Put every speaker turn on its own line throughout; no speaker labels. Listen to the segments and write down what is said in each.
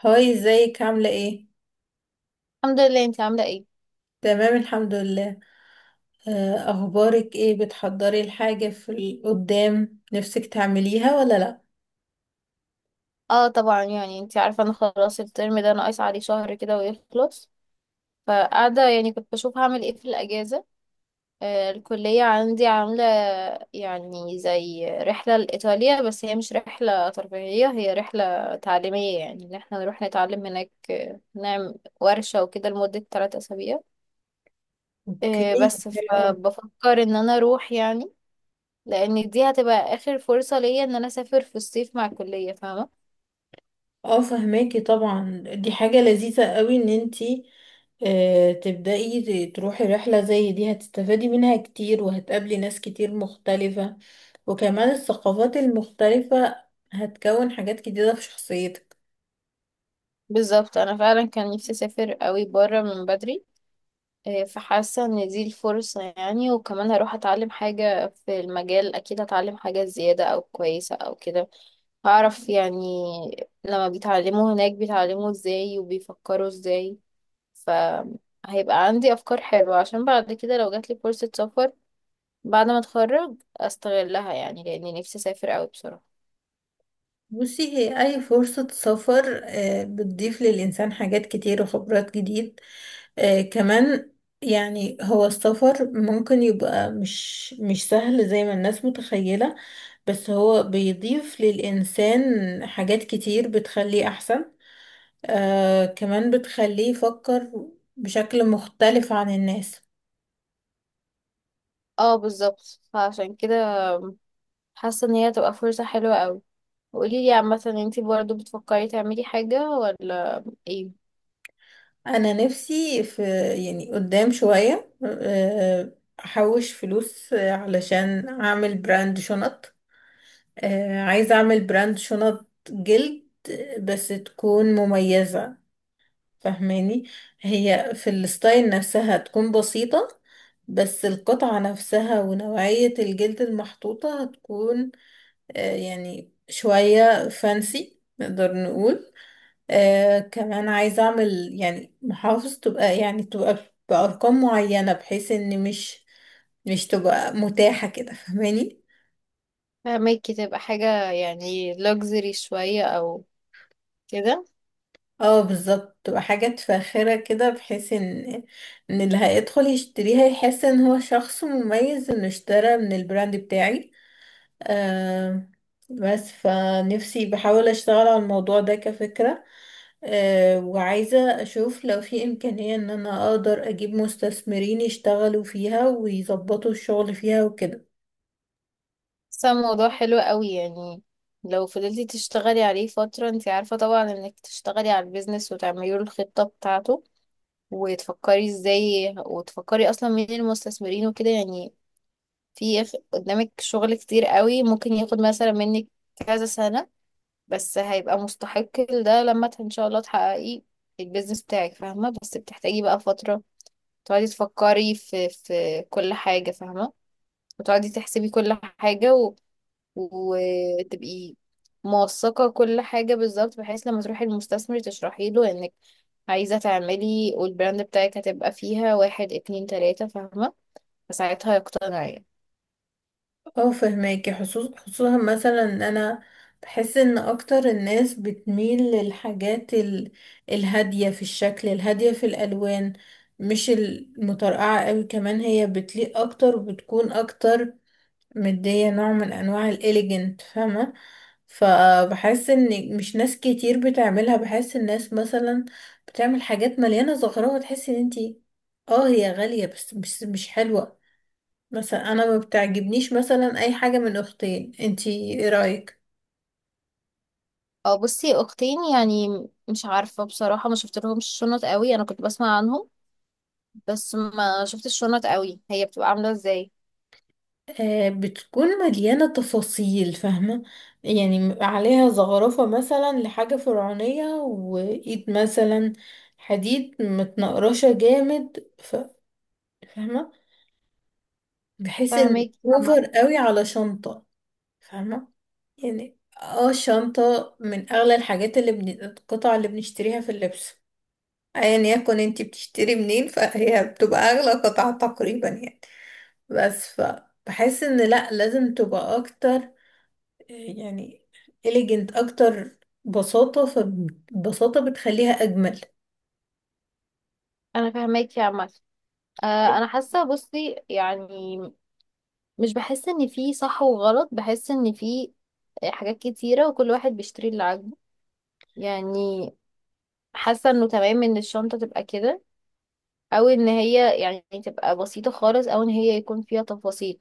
هاي، ازيك؟ عاملة ايه؟
الحمد لله، انت عاملة ايه؟
تمام، الحمد لله. اخبارك ايه؟ بتحضري الحاجة في قدام نفسك تعمليها ولا لا؟
اه طبعا، يعني انت عارفة انا خلاص الترم ده ناقص عليه شهر كده ويخلص. فقاعدة يعني كنت بشوف هعمل ايه في الأجازة. آه، الكلية عندي عاملة يعني زي رحلة لإيطاليا، بس هي مش رحلة ترفيهية، هي رحلة تعليمية، يعني ان احنا نروح نتعلم هناك، نعمل ورشة وكده لمدة 3 أسابيع.
اوكي،
بس
حلو أوي.
فبفكر ان انا اروح يعني، لان دي هتبقى اخر فرصة ليا ان انا اسافر في الصيف مع الكلية، فاهمة؟
اه فهماكي، طبعا دي حاجة لذيذة قوي ان انتي تبدأي، تروحي رحلة زي دي. هتستفادي منها كتير وهتقابلي ناس كتير مختلفة، وكمان الثقافات المختلفة هتكون حاجات جديدة في شخصيتك.
بالظبط، انا فعلا كان نفسي اسافر قوي بره من بدري. فحاسه ان دي الفرصه يعني، وكمان هروح اتعلم حاجه في المجال، اكيد هتعلم حاجه زياده او كويسه او كده. هعرف يعني لما بيتعلموا هناك بيتعلموا ازاي وبيفكروا ازاي، فهيبقى عندي افكار حلوه عشان بعد كده لو جاتلي فرصه سفر بعد ما اتخرج استغلها، يعني لاني نفسي اسافر قوي بصراحه.
بصي، هي أي فرصة سفر بتضيف للإنسان حاجات كتير وخبرات جديد كمان. يعني هو السفر ممكن يبقى مش سهل زي ما الناس متخيلة، بس هو بيضيف للإنسان حاجات كتير بتخليه أحسن، آه كمان بتخليه يفكر بشكل مختلف عن الناس.
اه بالظبط، فعشان كده حاسه ان هي تبقى فرصه حلوه قوي. قولي لي، مثلا انتي برضو بتفكري تعملي حاجة ولا ايه؟
أنا نفسي في، يعني قدام شوية، أحوش فلوس علشان أعمل براند شنط. آه، عايزة أعمل براند شنط جلد بس تكون مميزة، فاهماني؟ هي في الستايل نفسها تكون بسيطة، بس القطعة نفسها ونوعية الجلد المحطوطة هتكون آه، يعني شوية فانسي نقدر نقول. آه كمان عايزة أعمل يعني محافظ تبقى، يعني تبقى بأرقام معينة، بحيث إن مش تبقى متاحة كده، فاهماني؟
فهماكي، تبقى حاجة يعني luxury شوية او كده.
اه بالظبط، تبقى حاجات فاخرة كده، بحيث ان ان اللي هيدخل يشتريها يحس ان هو شخص مميز انه اشترى من البراند بتاعي. آه، بس فنفسي بحاول اشتغل على الموضوع ده كفكرة. آه وعايزة اشوف لو في امكانية ان انا اقدر اجيب مستثمرين يشتغلوا فيها ويظبطوا الشغل فيها وكده.
بس هو موضوع حلو قوي يعني، لو فضلتي تشتغلي عليه فترة، انتي عارفة طبعا انك تشتغلي على البيزنس وتعملي له الخطة بتاعته، وتفكري ازاي، وتفكري اصلا مين المستثمرين وكده يعني. في قدامك شغل كتير قوي، ممكن ياخد مثلا منك كذا سنة، بس هيبقى مستحق. ده لما ان شاء الله تحققي البيزنس بتاعك، فاهمه؟ بس بتحتاجي بقى فتره تقعدي تفكري في كل حاجه، فاهمه؟ وتقعدي تحسبي كل حاجه وتبقي موثقه كل حاجه بالظبط، بحيث لما تروحي للمستثمر تشرحي له انك عايزه تعملي، والبراند بتاعك هتبقى فيها 1، 2، 3، فاهمه؟ فساعتها يقتنع يعني.
اه فهماكي، خصوصا مثلا ان انا بحس ان اكتر الناس بتميل للحاجات ال... الهادية في الشكل، الهادية في الالوان، مش المطرقعة قوي. كمان هي بتليق اكتر، وبتكون اكتر مدية نوع من انواع الاليجنت، فاهمة؟ فبحس ان مش ناس كتير بتعملها. بحس الناس مثلا بتعمل حاجات مليانة زخرفة تحسي ان انتي اه هي غالية بس مش حلوة. بس انا ما بتعجبنيش مثلا اي حاجه من اختين. انتي ايه رايك؟
اه، بصي، اختين يعني مش عارفه بصراحه، ما شفت لهمش شنط قوي، انا كنت بسمع عنهم، بس ما شفتش الشنط قوي، هي بتبقى عاملة ازاي؟
آه بتكون مليانه تفاصيل، فاهمه؟ يعني عليها زخرفه مثلا لحاجه فرعونيه، وايد مثلا حديد متنقرشه جامد، ف... فاهمه؟ بحيث ان
فاهمك يا عمر.
اوفر قوي على شنطه. فاهمه؟ يعني اه الشنطه من اغلى الحاجات اللي بن... القطع اللي بنشتريها في اللبس. ايا يكن انت بتشتري منين، فهي بتبقى اغلى قطعة تقريبا يعني. بس فبحس ان لا، لازم تبقى اكتر يعني إليجنت اكتر. بساطة، فبساطة بتخليها اجمل.
انا فاهمك يا عمر. آه، انا حاسه، بصي يعني، مش بحس ان في صح وغلط، بحس ان في حاجات كتيره وكل واحد بيشتري اللي عاجبه يعني. حاسه انه تمام ان الشنطه تبقى كده، او ان هي يعني تبقى بسيطه خالص، او ان هي يكون فيها تفاصيل.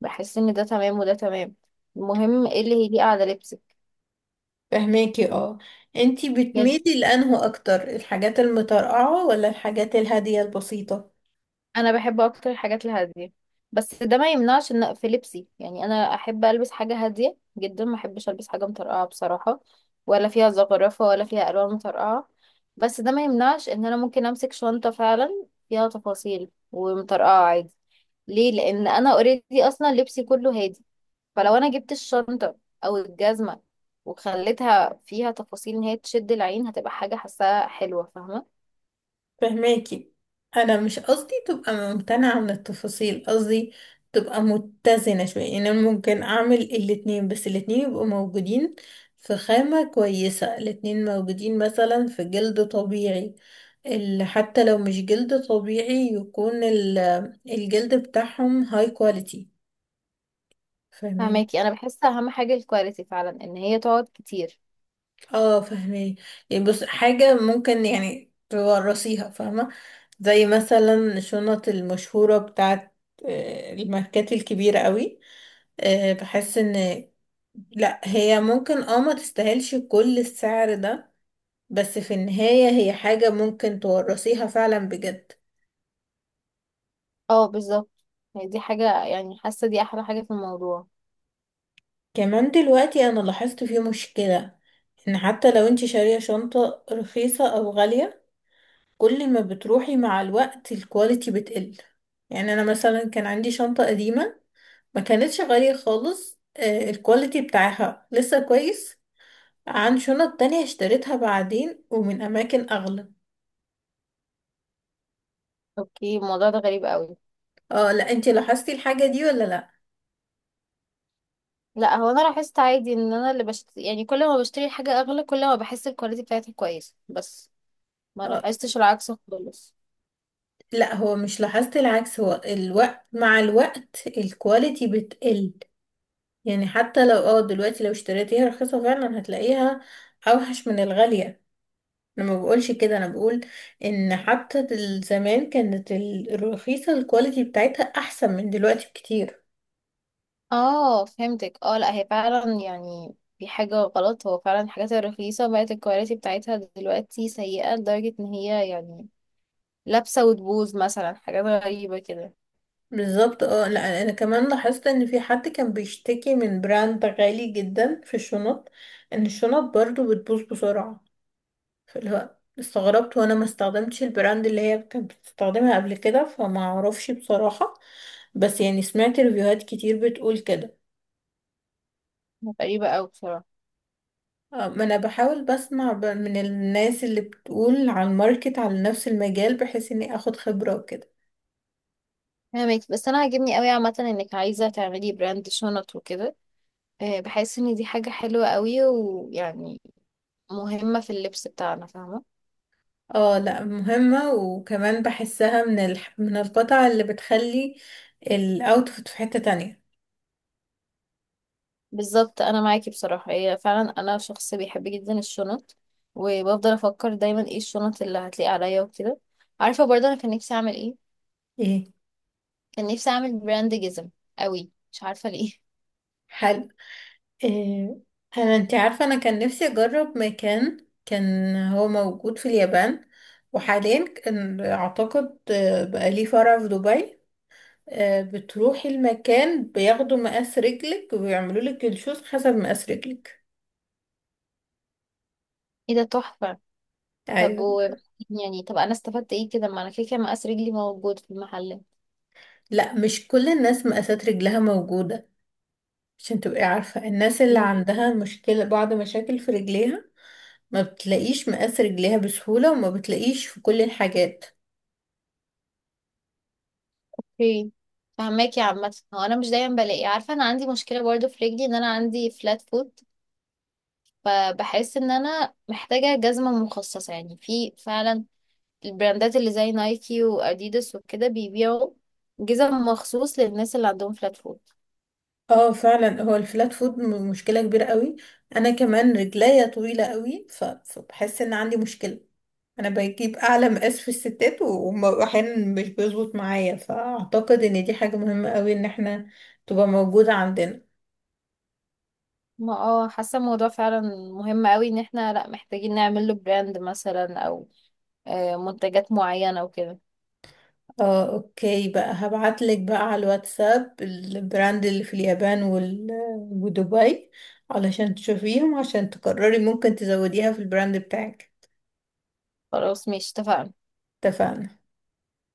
بحس ان ده تمام وده تمام. المهم ايه اللي هيليق على لبسك.
فهماكي؟ اه انتي بتميلي لانه اكتر الحاجات المترقعة ولا الحاجات الهادية البسيطة؟
انا بحب اكتر الحاجات الهاديه، بس ده ما يمنعش ان في لبسي يعني، انا احب البس حاجه هاديه جدا، ما احبش البس حاجه مطرقعه بصراحه، ولا فيها زخرفه، ولا فيها الوان مطرقعه. بس ده ما يمنعش ان انا ممكن امسك شنطه فعلا فيها تفاصيل ومطرقعه عادي. ليه؟ لان انا اوريدي اصلا لبسي كله هادي، فلو انا جبت الشنطه او الجزمه وخليتها فيها تفاصيل ان هي تشد العين، هتبقى حاجه حاساها حلوه، فاهمه؟
فهماكي، انا مش قصدي تبقى ممتنعة من التفاصيل، قصدي تبقى متزنة شوية. يعني انا ممكن اعمل الاتنين، بس الاتنين يبقوا موجودين في خامة كويسة، الاتنين موجودين مثلا في جلد طبيعي. حتى لو مش جلد طبيعي، يكون الجلد بتاعهم هاي كواليتي.
فهماكي، انا بحس اهم حاجه الكواليتي فعلا، ان هي تقعد كتير.
اه فهمي، يعني بص، حاجة ممكن يعني تورثيها، فاهمة؟ زي مثلا الشنط المشهورة بتاعت الماركات الكبيرة قوي. بحس ان لا، هي ممكن اه ما تستاهلش كل السعر ده، بس في النهاية هي حاجة ممكن تورثيها فعلا بجد.
اه بالظبط. هي دي حاجه يعني، حاسه دي احلى حاجه في الموضوع.
كمان دلوقتي انا لاحظت فيه مشكلة، ان حتى لو انت شارية شنطة رخيصة او غالية، كل ما بتروحي مع الوقت الكواليتي بتقل. يعني انا مثلا كان عندي شنطة قديمة ما كانتش غالية خالص، الكواليتي بتاعها لسه كويس عن شنط تانية اشتريتها بعدين ومن اماكن اغلى.
اوكي، الموضوع ده غريب قوي.
اه، لا انتي لاحظتي الحاجة دي ولا لا؟
لا، هو انا لاحظت عادي ان انا اللي يعني كل ما بشتري حاجه اغلى كل ما بحس الكواليتي بتاعتها كويسه، بس ما
اه
لاحظتش العكس خالص.
لا، هو مش لاحظت العكس، هو الوقت، مع الوقت الكواليتي بتقل. يعني حتى لو اه دلوقتي لو اشتريتيها رخيصة فعلا هتلاقيها اوحش من الغالية. انا ما بقولش كده، انا بقول ان حتى زمان كانت الرخيصه الكواليتي بتاعتها احسن من دلوقتي بكتير.
اه فهمتك. اه، لا هي فعلا يعني في حاجه غلط، هو فعلا الحاجات الرخيصه بقت الكواليتي بتاعتها دلوقتي سيئه لدرجه ان هي يعني لابسه وتبوظ، مثلا حاجات غريبه كده.
بالظبط. اه لا، انا كمان لاحظت ان في حد كان بيشتكي من براند غالي جدا في الشنط، ان الشنط برضو بتبوظ بسرعه. فاللي هو استغربت، وانا ما استخدمتش البراند اللي هي كانت بتستخدمها قبل كده، فما اعرفش بصراحه، بس يعني سمعت ريفيوهات كتير بتقول كده.
غريبه قوي بصراحه.
ما انا بحاول بسمع من الناس اللي بتقول على الماركت على نفس المجال، بحيث اني اخد خبرة وكده.
فاهمك، بس انا عاجبني قوي عامه انك عايزه تعملي براند شنط وكده، بحس ان دي حاجه حلوه قوي، ويعني مهمه في اللبس بتاعنا، فاهمه؟
اه لا مهمة، وكمان بحسها من من القطع اللي بتخلي الاوتفيت في حتة تانية.
بالظبط، انا معاكي بصراحه، هي فعلا انا شخص بيحب جدا الشنط، وبفضل افكر دايما ايه الشنط اللي هتليق عليا وكده. عارفه برضه انا كان نفسي اعمل ايه؟
ايه؟
كان نفسي اعمل براند جزم قوي، مش عارفه ليه
حلو. إيه. انا، انت عارفة انا كان نفسي اجرب مكان كان هو موجود في اليابان، وحاليا كان اعتقد بقى ليه فرع في دبي. بتروحي المكان بياخدوا مقاس رجلك ويعملوا لك الشوز حسب مقاس رجلك.
ايه ده، تحفه! طب
ايوه.
و يعني طب انا استفدت ايه كده، ما انا كده كده مقاس رجلي موجود في المحل.
لا مش كل الناس مقاسات رجلها موجودة، عشان تبقي عارفة الناس اللي عندها مشكلة، بعض مشاكل في رجليها، ما بتلاقيش مقاس رجليها بسهولة وما بتلاقيش في كل الحاجات.
اوكي. فهماكي، عامة هو انا مش دايما بلاقي، عارفة انا عندي مشكلة برضو في رجلي، ان انا عندي فلات فوت، فبحس ان انا محتاجة جزمة مخصصة يعني، في فعلا البراندات اللي زي نايكي واديداس وكده بيبيعوا جزم مخصوص للناس اللي عندهم فلات فوت.
اه فعلا، هو الفلات فود مشكلة كبيرة قوي. انا كمان رجليا طويلة قوي، فبحس ان عندي مشكلة، انا بجيب اعلى مقاس في الستات واحيانا مش بيظبط معايا. فاعتقد ان دي حاجة مهمة قوي ان احنا تبقى موجودة عندنا.
ما حاسة الموضوع فعلا مهم قوي، ان احنا لا محتاجين نعمل له براند مثلا، او منتجات معينة وكده.
اه اوكي، بقى هبعتلك بقى على الواتساب البراند اللي في اليابان ودبي، علشان تشوفيهم، عشان تقرري ممكن تزوديها في البراند بتاعك.
خلاص، ماشي، اتفقنا.
اتفقنا.